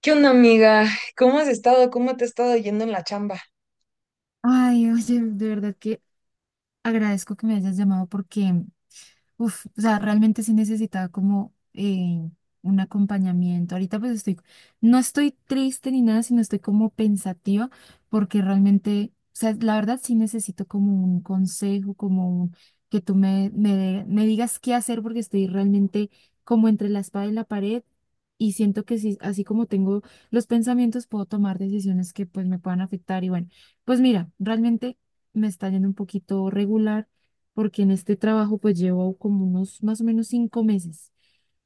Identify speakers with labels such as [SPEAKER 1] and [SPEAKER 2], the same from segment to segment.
[SPEAKER 1] ¿Qué onda, amiga? ¿Cómo has estado? ¿Cómo te ha estado yendo en la chamba?
[SPEAKER 2] Ay, oye, de verdad que agradezco que me hayas llamado porque, o sea, realmente sí necesitaba como un acompañamiento. Ahorita pues estoy, no estoy triste ni nada, sino estoy como pensativa porque realmente, o sea, la verdad sí necesito como un consejo, como que tú me digas qué hacer porque estoy realmente como entre la espada y la pared y siento que sí, así como tengo los pensamientos, puedo tomar decisiones que pues me puedan afectar. Y bueno, pues mira, realmente me está yendo un poquito regular porque en este trabajo pues llevo como unos más o menos 5 meses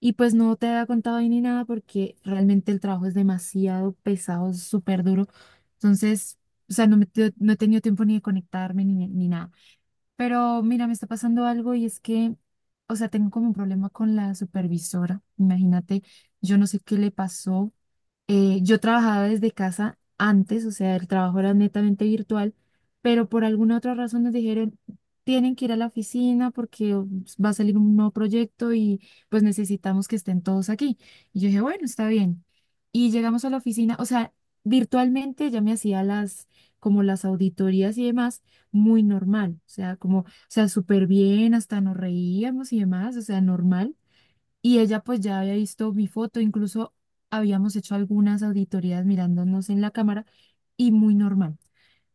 [SPEAKER 2] y pues no te había contado ahí ni nada porque realmente el trabajo es demasiado pesado, es súper duro. Entonces, o sea, no he tenido tiempo ni de conectarme ni nada. Pero mira, me está pasando algo y es que, o sea, tengo como un problema con la supervisora. Imagínate, yo no sé qué le pasó yo trabajaba desde casa antes, o sea, el trabajo era netamente virtual, pero por alguna otra razón nos dijeron, tienen que ir a la oficina porque oh, va a salir un nuevo proyecto y pues necesitamos que estén todos aquí. Y yo dije, bueno, está bien. Y llegamos a la oficina, o sea, virtualmente ya me hacía como las auditorías y demás, muy normal, o sea, o sea, súper bien, hasta nos reíamos y demás, o sea, normal y ella pues ya había visto mi foto, incluso habíamos hecho algunas auditorías mirándonos en la cámara y muy normal.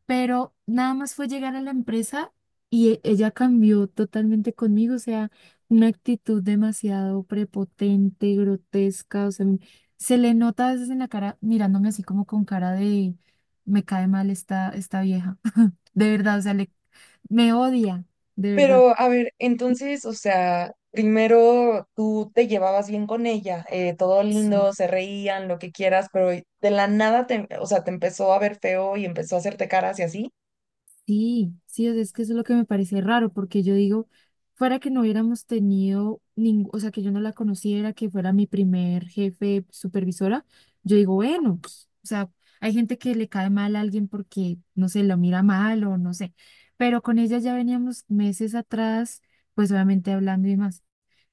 [SPEAKER 2] Pero nada más fue llegar a la empresa y ella cambió totalmente conmigo, o sea, una actitud demasiado prepotente, grotesca, o sea, se le nota a veces en la cara mirándome así como con cara de me cae mal esta vieja, de verdad, o sea, le, me odia, de verdad.
[SPEAKER 1] Pero, a ver, entonces, o sea, primero tú te llevabas bien con ella, todo
[SPEAKER 2] Sí.
[SPEAKER 1] lindo, se reían, lo que quieras, pero de la nada o sea, te empezó a ver feo y empezó a hacerte caras y así.
[SPEAKER 2] Sí, o sea, es que eso es lo que me parece raro, porque yo digo, fuera que no hubiéramos tenido ningún, o sea, que yo no la conociera, que fuera mi primer jefe supervisora, yo digo, bueno, pues, o sea, hay gente que le cae mal a alguien porque, no sé, lo mira mal o no sé, pero con ella ya veníamos meses atrás, pues obviamente hablando y más.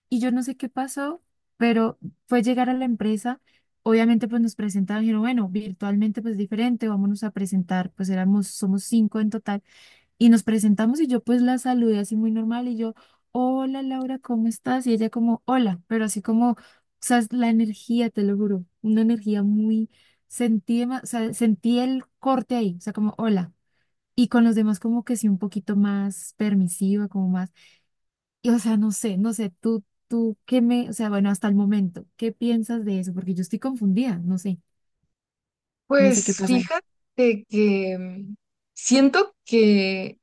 [SPEAKER 2] Y yo no sé qué pasó, pero fue llegar a la empresa, obviamente pues nos presentaron y dijeron, bueno, virtualmente pues diferente, vámonos a presentar, pues somos 5 en total y nos presentamos y yo pues la saludé así muy normal y yo, hola Laura, ¿cómo estás? Y ella como, hola, pero así como, o sea, es la energía, te lo juro, una energía muy, sentí, o sea, sentí el corte ahí, o sea, como, hola. Y con los demás como que sí, un poquito más permisiva, como más, y o sea, no sé, no sé, tú, o sea, bueno, hasta el momento, ¿qué piensas de eso? Porque yo estoy confundida, no sé, no sé qué
[SPEAKER 1] Pues
[SPEAKER 2] pasa ahí.
[SPEAKER 1] fíjate que siento que...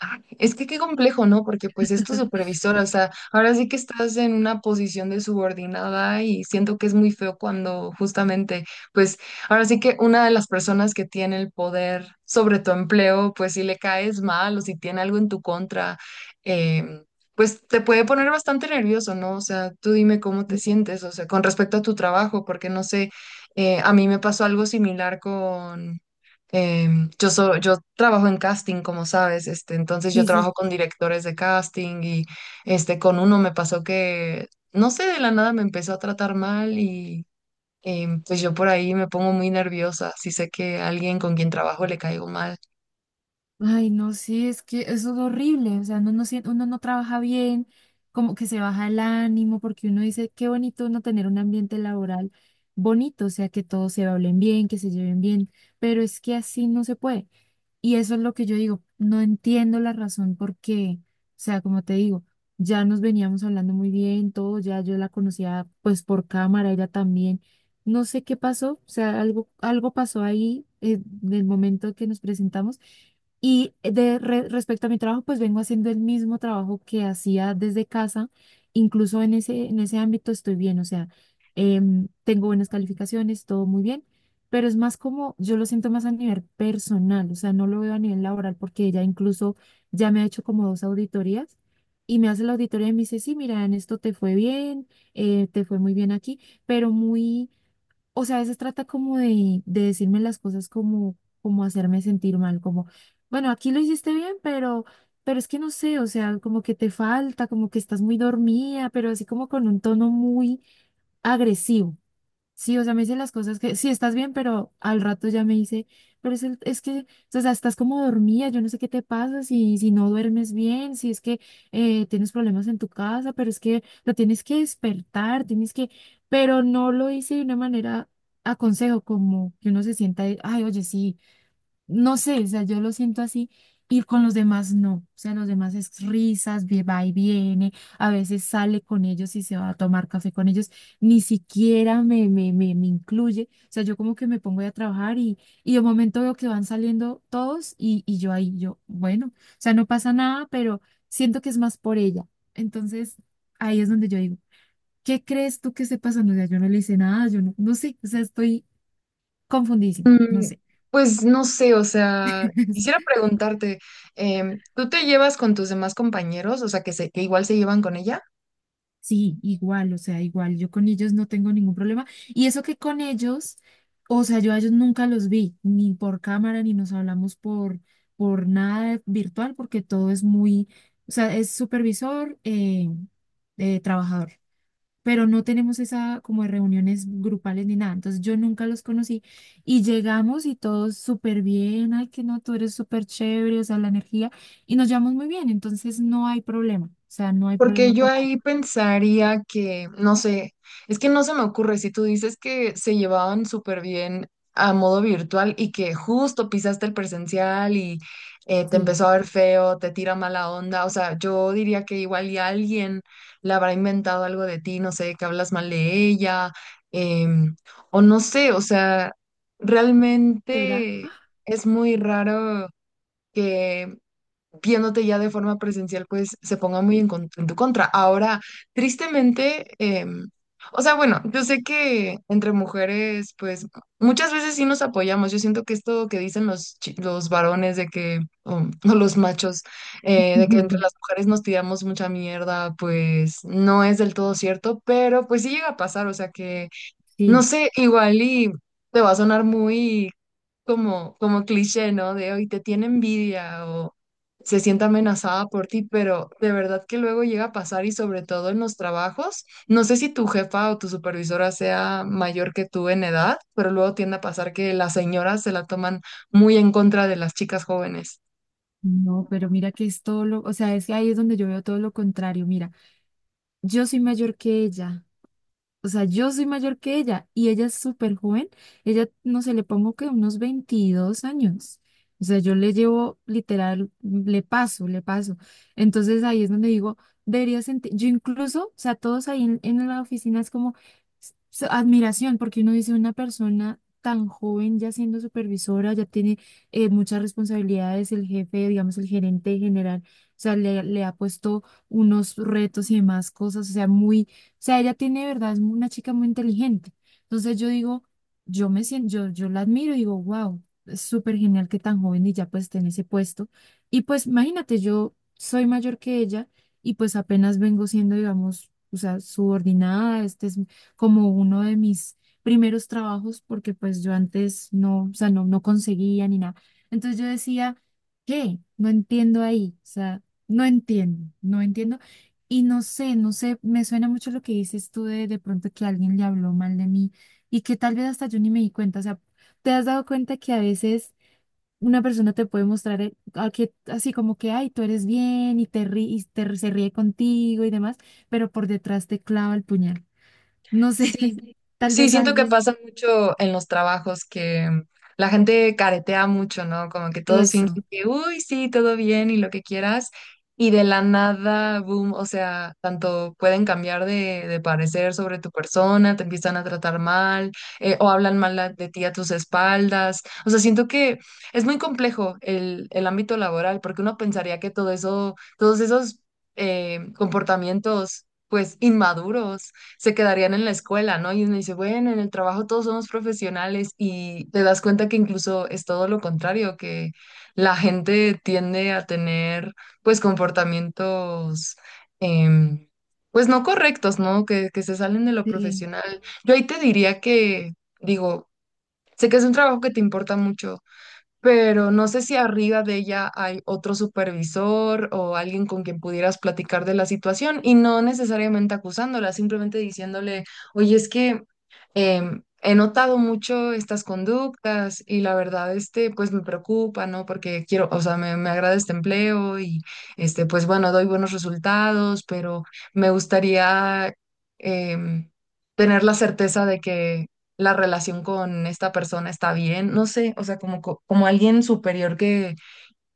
[SPEAKER 1] Ah, es que qué complejo, ¿no? Porque pues es tu supervisora, o sea, ahora sí que estás en una posición de subordinada y siento que es muy feo cuando justamente, pues ahora sí que una de las personas que tiene el poder sobre tu empleo, pues si le caes mal o si tiene algo en tu contra, em, pues te puede poner bastante nervioso, ¿no? O sea, tú dime cómo te sientes, o sea, con respecto a tu trabajo, porque no sé, a mí me pasó algo similar. Em, yo trabajo en casting, como sabes, este, entonces yo
[SPEAKER 2] Sí, sí.
[SPEAKER 1] trabajo con directores de casting y este, con uno me pasó que, no sé, de la nada me empezó a tratar mal y pues yo por ahí me pongo muy nerviosa si sé que a alguien con quien trabajo le caigo mal.
[SPEAKER 2] Ay, no, sí, es que eso es horrible, o sea, uno no trabaja bien, como que se baja el ánimo, porque uno dice, qué bonito uno tener un ambiente laboral bonito, o sea, que todos se hablen bien, que se lleven bien, pero es que así no se puede. Y eso es lo que yo digo, no entiendo la razón por qué, o sea, como te digo, ya nos veníamos hablando muy bien, todo, ya yo la conocía pues por cámara, ella también, no sé qué pasó, o sea, algo pasó ahí del momento que nos presentamos y de respecto a mi trabajo, pues vengo haciendo el mismo trabajo que hacía desde casa, incluso en ese ámbito estoy bien, o sea, tengo buenas calificaciones, todo muy bien, pero es más como, yo lo siento más a nivel personal, o sea, no lo veo a nivel laboral porque ella incluso ya me ha hecho como 2 auditorías y me hace la auditoría y me dice, sí, mira, en esto te fue bien, te fue muy bien aquí, pero muy, o sea, a veces trata como de decirme las cosas como, como hacerme sentir mal, como, bueno, aquí lo hiciste bien, pero... Pero es que no sé, o sea, como que te falta, como que estás muy dormida, pero así como con un tono muy agresivo. Sí, o sea, me dice las cosas que, sí, estás bien, pero al rato ya me dice, es que, o sea, estás como dormida, yo no sé qué te pasa, si no duermes bien, si es que tienes problemas en tu casa, pero es que lo tienes que despertar, tienes que, pero no lo hice de una manera a consejo, como que uno se sienta, y, ay, oye, sí, no sé, o sea, yo lo siento así y con los demás no, o sea, los demás es risas, va y viene, a veces sale con ellos y se va a tomar café con ellos, ni siquiera me incluye, o sea, yo como que me pongo ahí a trabajar y de momento veo que van saliendo todos y yo ahí, yo, bueno, o sea, no pasa nada, pero siento que es más por ella, entonces ahí es donde yo digo, ¿qué crees tú que esté pasando? O sea, yo no le hice nada, yo no, no sé, o sea, estoy confundidísima, no
[SPEAKER 1] Mm,
[SPEAKER 2] sé.
[SPEAKER 1] pues no sé, o sea, quisiera preguntarte, ¿tú te llevas con tus demás compañeros? O sea, que igual se llevan con ella.
[SPEAKER 2] Sí, igual, o sea, igual, yo con ellos no tengo ningún problema. Y eso que con ellos, o sea, yo a ellos nunca los vi, ni por cámara, ni nos hablamos por nada virtual, porque todo es muy, o sea, es supervisor, trabajador, pero no tenemos esa como de reuniones grupales ni nada. Entonces yo nunca los conocí y llegamos y todos súper bien, ay, que no, tú eres súper chévere, o sea, la energía, y nos llevamos muy bien, entonces no hay problema, o sea, no hay
[SPEAKER 1] Porque
[SPEAKER 2] problema
[SPEAKER 1] yo
[SPEAKER 2] con nadie.
[SPEAKER 1] ahí pensaría que, no sé, es que no se me ocurre si tú dices que se llevaban súper bien a modo virtual y que justo pisaste el presencial y te
[SPEAKER 2] Sí.
[SPEAKER 1] empezó a ver feo, te tira mala onda. O sea, yo diría que igual y alguien le habrá inventado algo de ti, no sé, que hablas mal de ella, em, o no sé, o sea,
[SPEAKER 2] ¿Será?
[SPEAKER 1] realmente es muy raro, que viéndote ya de forma presencial, pues se ponga muy en tu contra. Ahora, tristemente, em, o sea, bueno, yo sé que entre mujeres, pues muchas veces sí nos apoyamos. Yo siento que esto que dicen los varones de que, o los machos, de que entre las mujeres nos tiramos mucha mierda, pues no es del todo cierto, pero pues sí llega a pasar, o sea que, no
[SPEAKER 2] Sí,
[SPEAKER 1] sé, igual y te va a sonar muy como cliché, ¿no? De hoy te tiene envidia o se siente amenazada por ti, pero de verdad que luego llega a pasar y sobre todo en los trabajos. No sé si tu jefa o tu supervisora sea mayor que tú en edad, pero luego tiende a pasar que las señoras se la toman muy en contra de las chicas jóvenes.
[SPEAKER 2] no, pero mira que es todo lo, o sea, es que ahí es donde yo veo todo lo contrario. Mira, yo soy mayor que ella. O sea, yo soy mayor que ella y ella es súper joven. Ella, no sé, le pongo que unos 22 años. O sea, yo le llevo literal, le paso, le paso. Entonces ahí es donde digo, debería sentir, yo incluso, o sea, todos ahí en la oficina es como admiración, porque uno dice una persona tan joven ya siendo supervisora, ya tiene muchas responsabilidades, el jefe, digamos, el gerente general, o sea, le ha puesto unos retos y demás cosas, o sea, muy sea, ella tiene, de verdad, es una chica muy inteligente. Entonces yo digo, yo me siento, yo la admiro y digo, wow, es súper genial que tan joven y ya pues esté en ese puesto. Y pues imagínate, yo soy mayor que ella y pues apenas vengo siendo, digamos, o sea, subordinada, este es como uno de mis primeros trabajos porque pues yo antes no, o sea, no conseguía ni nada. Entonces yo decía, ¿qué? No entiendo ahí, o sea, no entiendo, no entiendo y no sé, no sé, me suena mucho lo que dices tú de pronto que alguien le habló mal de mí y que tal vez hasta yo ni me di cuenta. O sea, ¿te has dado cuenta que a veces una persona te puede mostrar a que, así como que, ay, tú eres bien y te rí- y te- se ríe contigo y demás, pero por detrás te clava el puñal? No sé,
[SPEAKER 1] Sí,
[SPEAKER 2] tal
[SPEAKER 1] sí,
[SPEAKER 2] vez
[SPEAKER 1] siento que
[SPEAKER 2] alguien.
[SPEAKER 1] pasa mucho en los trabajos que la gente caretea mucho, ¿no? Como que todos fingen
[SPEAKER 2] Eso.
[SPEAKER 1] que, uy, sí, todo bien y lo que quieras, y de la nada, boom, o sea, tanto pueden cambiar de parecer sobre tu persona, te empiezan a tratar mal, o hablan mal a- de ti a tus espaldas. O sea, siento que es muy complejo el ámbito laboral, porque uno pensaría que todo eso, todos esos comportamientos, pues, inmaduros, se quedarían en la escuela, ¿no? Y uno dice, bueno, en el trabajo todos somos profesionales y te das cuenta que incluso es todo lo contrario, que la gente tiende a tener pues comportamientos em, pues no correctos, ¿no? Que se salen de lo
[SPEAKER 2] Sí.
[SPEAKER 1] profesional. Yo ahí te diría que, digo, sé que es un trabajo que te importa mucho, pero no sé si arriba de ella hay otro supervisor o alguien con quien pudieras platicar de la situación y no necesariamente acusándola, simplemente diciéndole, oye, es que he notado mucho estas conductas y la verdad, este, pues me preocupa, ¿no? Porque quiero, o sea, me agrada este empleo y, este, pues bueno, doy buenos resultados, pero me gustaría em, tener la certeza de que la relación con esta persona está bien, no sé, o sea, como alguien superior que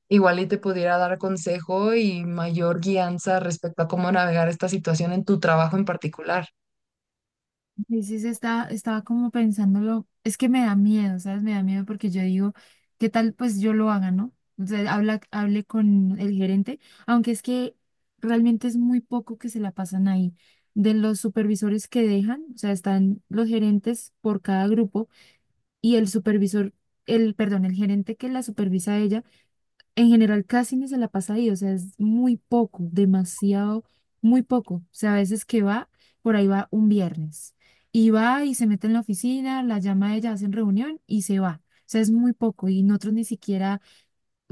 [SPEAKER 1] igual y te pudiera dar consejo y mayor guianza respecto a cómo navegar esta situación en tu trabajo en particular.
[SPEAKER 2] Dices, estaba como pensándolo, es que me da miedo, ¿sabes? Me da miedo porque yo digo, ¿qué tal pues yo lo haga, ¿no? O sea, hable con el gerente, aunque es que realmente es muy poco que se la pasan ahí. De los supervisores que dejan, o sea, están los gerentes por cada grupo y el supervisor, el, perdón, el gerente que la supervisa a ella en general casi ni se la pasa ahí, o sea, es muy poco, demasiado, muy poco. O sea, a veces que va, por ahí va un viernes y va y se mete en la oficina, la llama a ella, hacen reunión y se va. O sea, es muy poco y nosotros ni siquiera,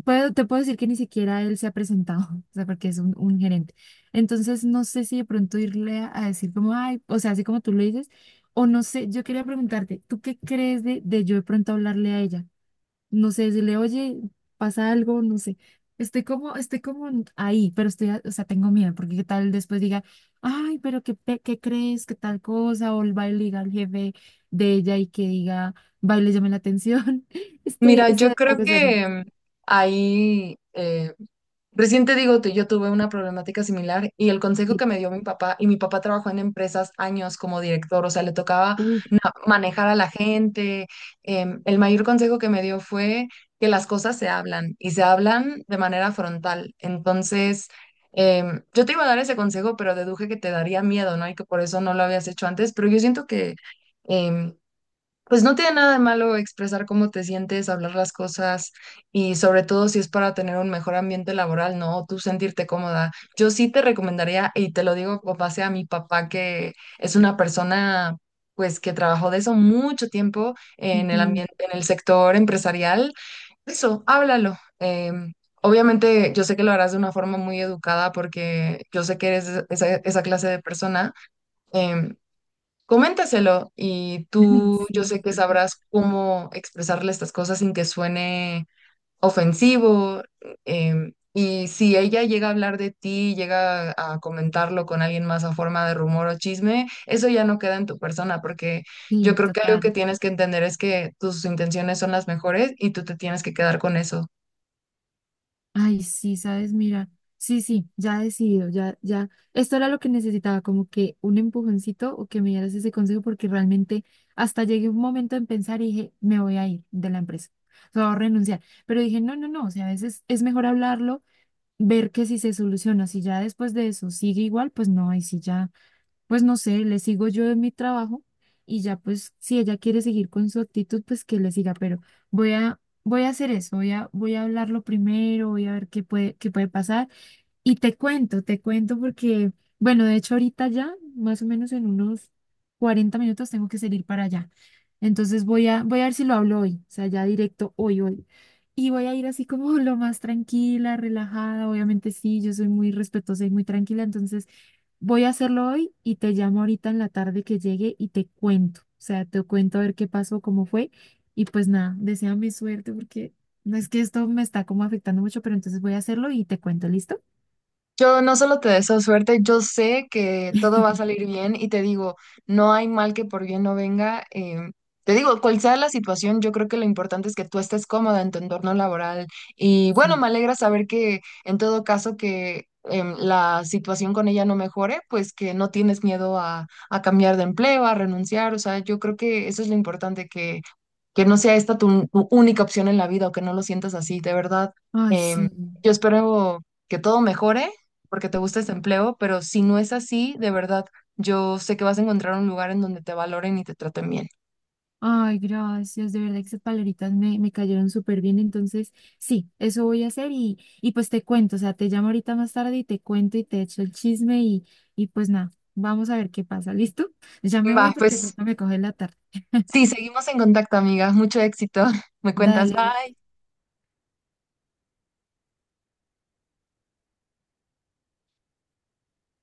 [SPEAKER 2] puedo, te puedo decir que ni siquiera él se ha presentado, o sea, porque es un gerente. Entonces, no sé si de pronto irle a decir como, ay, o sea, así como tú lo dices, o no sé, yo quería preguntarte, ¿tú qué crees de yo de pronto hablarle a ella? No sé, decirle, oye, pasa algo, no sé. Estoy como ahí, pero estoy, o sea, tengo miedo, porque qué tal después diga, ay, qué crees, qué tal cosa, o el baile diga al jefe de ella y que diga, baile, llame la atención. Estoy,
[SPEAKER 1] Mira,
[SPEAKER 2] estoy
[SPEAKER 1] yo
[SPEAKER 2] acá
[SPEAKER 1] creo
[SPEAKER 2] pensando,
[SPEAKER 1] que ahí, recién te digo, yo tuve una problemática similar y el consejo
[SPEAKER 2] sí,
[SPEAKER 1] que me dio mi papá, y mi papá trabajó en empresas años como director, o sea, le tocaba
[SPEAKER 2] uff,
[SPEAKER 1] manejar a la gente. Em, el mayor consejo que me dio fue que las cosas se hablan y se hablan de manera frontal. Entonces, yo te iba a dar ese consejo, pero deduje que te daría miedo, ¿no? Y que por eso no lo habías hecho antes, pero yo siento que... em, pues no tiene nada de malo expresar cómo te sientes, hablar las cosas y sobre todo si es para tener un mejor ambiente laboral, ¿no? Tú sentirte cómoda. Yo sí te recomendaría, y te lo digo con base a mi papá, que es una persona pues que trabajó de eso mucho tiempo en el ambiente, en el sector empresarial. Eso, háblalo. Obviamente yo sé que lo harás de una forma muy educada porque yo sé que eres esa clase de persona. em, Coméntaselo y tú yo
[SPEAKER 2] sí,
[SPEAKER 1] sé que
[SPEAKER 2] yo creo.
[SPEAKER 1] sabrás cómo expresarle estas cosas sin que suene ofensivo. Y si ella llega a hablar de ti, llega a comentarlo con alguien más a forma de rumor o chisme, eso ya no queda en tu persona, porque yo
[SPEAKER 2] Sí,
[SPEAKER 1] creo que algo que
[SPEAKER 2] total.
[SPEAKER 1] tienes que entender es que tus intenciones son las mejores y tú te tienes que quedar con eso.
[SPEAKER 2] Ay, sí, sabes, mira, sí, sí, ya he decidido, ya, ya, esto era lo que necesitaba, como que un empujoncito o que me dieras ese consejo, porque realmente hasta llegué un momento en pensar y dije, me voy a ir de la empresa, o sea, voy a renunciar, pero dije, no, no, no, o sea, a veces es mejor hablarlo, ver que si se soluciona, si ya después de eso sigue igual, pues no, y si ya, pues no sé, le sigo yo en mi trabajo y ya pues si ella quiere seguir con su actitud, pues que le siga, pero voy a hacer eso, voy a hablarlo primero, voy a ver qué puede pasar. Y te cuento porque, bueno, de hecho ahorita ya, más o menos en unos 40 minutos tengo que salir para allá. Entonces voy a ver si lo hablo hoy, o sea, ya directo hoy, hoy. Y voy a ir así como lo más tranquila, relajada. Obviamente sí, yo soy muy respetuosa y muy tranquila, entonces voy a hacerlo hoy y te llamo ahorita en la tarde que llegue y te cuento. O sea, te cuento a ver qué pasó, cómo fue. Y pues nada, deséame suerte porque no es que esto me está como afectando mucho, pero entonces voy a hacerlo y te cuento, ¿listo?
[SPEAKER 1] Yo no solo te deseo suerte, yo sé que todo va a salir bien y te digo, no hay mal que por bien no venga. Te digo, cual sea la situación, yo creo que lo importante es que tú estés cómoda en tu entorno laboral. Y bueno,
[SPEAKER 2] Sí.
[SPEAKER 1] me alegra saber que en todo caso que la situación con ella no mejore, pues que no tienes miedo a cambiar de empleo, a renunciar. O sea, yo creo que eso es lo importante, que no sea esta tu única opción en la vida o que no lo sientas así, de verdad.
[SPEAKER 2] Ay,
[SPEAKER 1] em,
[SPEAKER 2] sí.
[SPEAKER 1] yo espero que todo mejore porque te gusta este empleo, pero si no es así, de verdad, yo sé que vas a encontrar un lugar en donde te valoren y te traten bien.
[SPEAKER 2] Ay, gracias. De verdad que esas palabritas me cayeron súper bien. Entonces, sí, eso voy a hacer y pues te cuento. O sea, te llamo ahorita más tarde y te cuento y te echo el chisme y pues nada, vamos a ver qué pasa. ¿Listo? Ya me
[SPEAKER 1] Va,
[SPEAKER 2] voy porque
[SPEAKER 1] pues
[SPEAKER 2] pronto me coge la tarde.
[SPEAKER 1] sí, seguimos en contacto, amiga. Mucho éxito. Me cuentas,
[SPEAKER 2] Dale,
[SPEAKER 1] bye.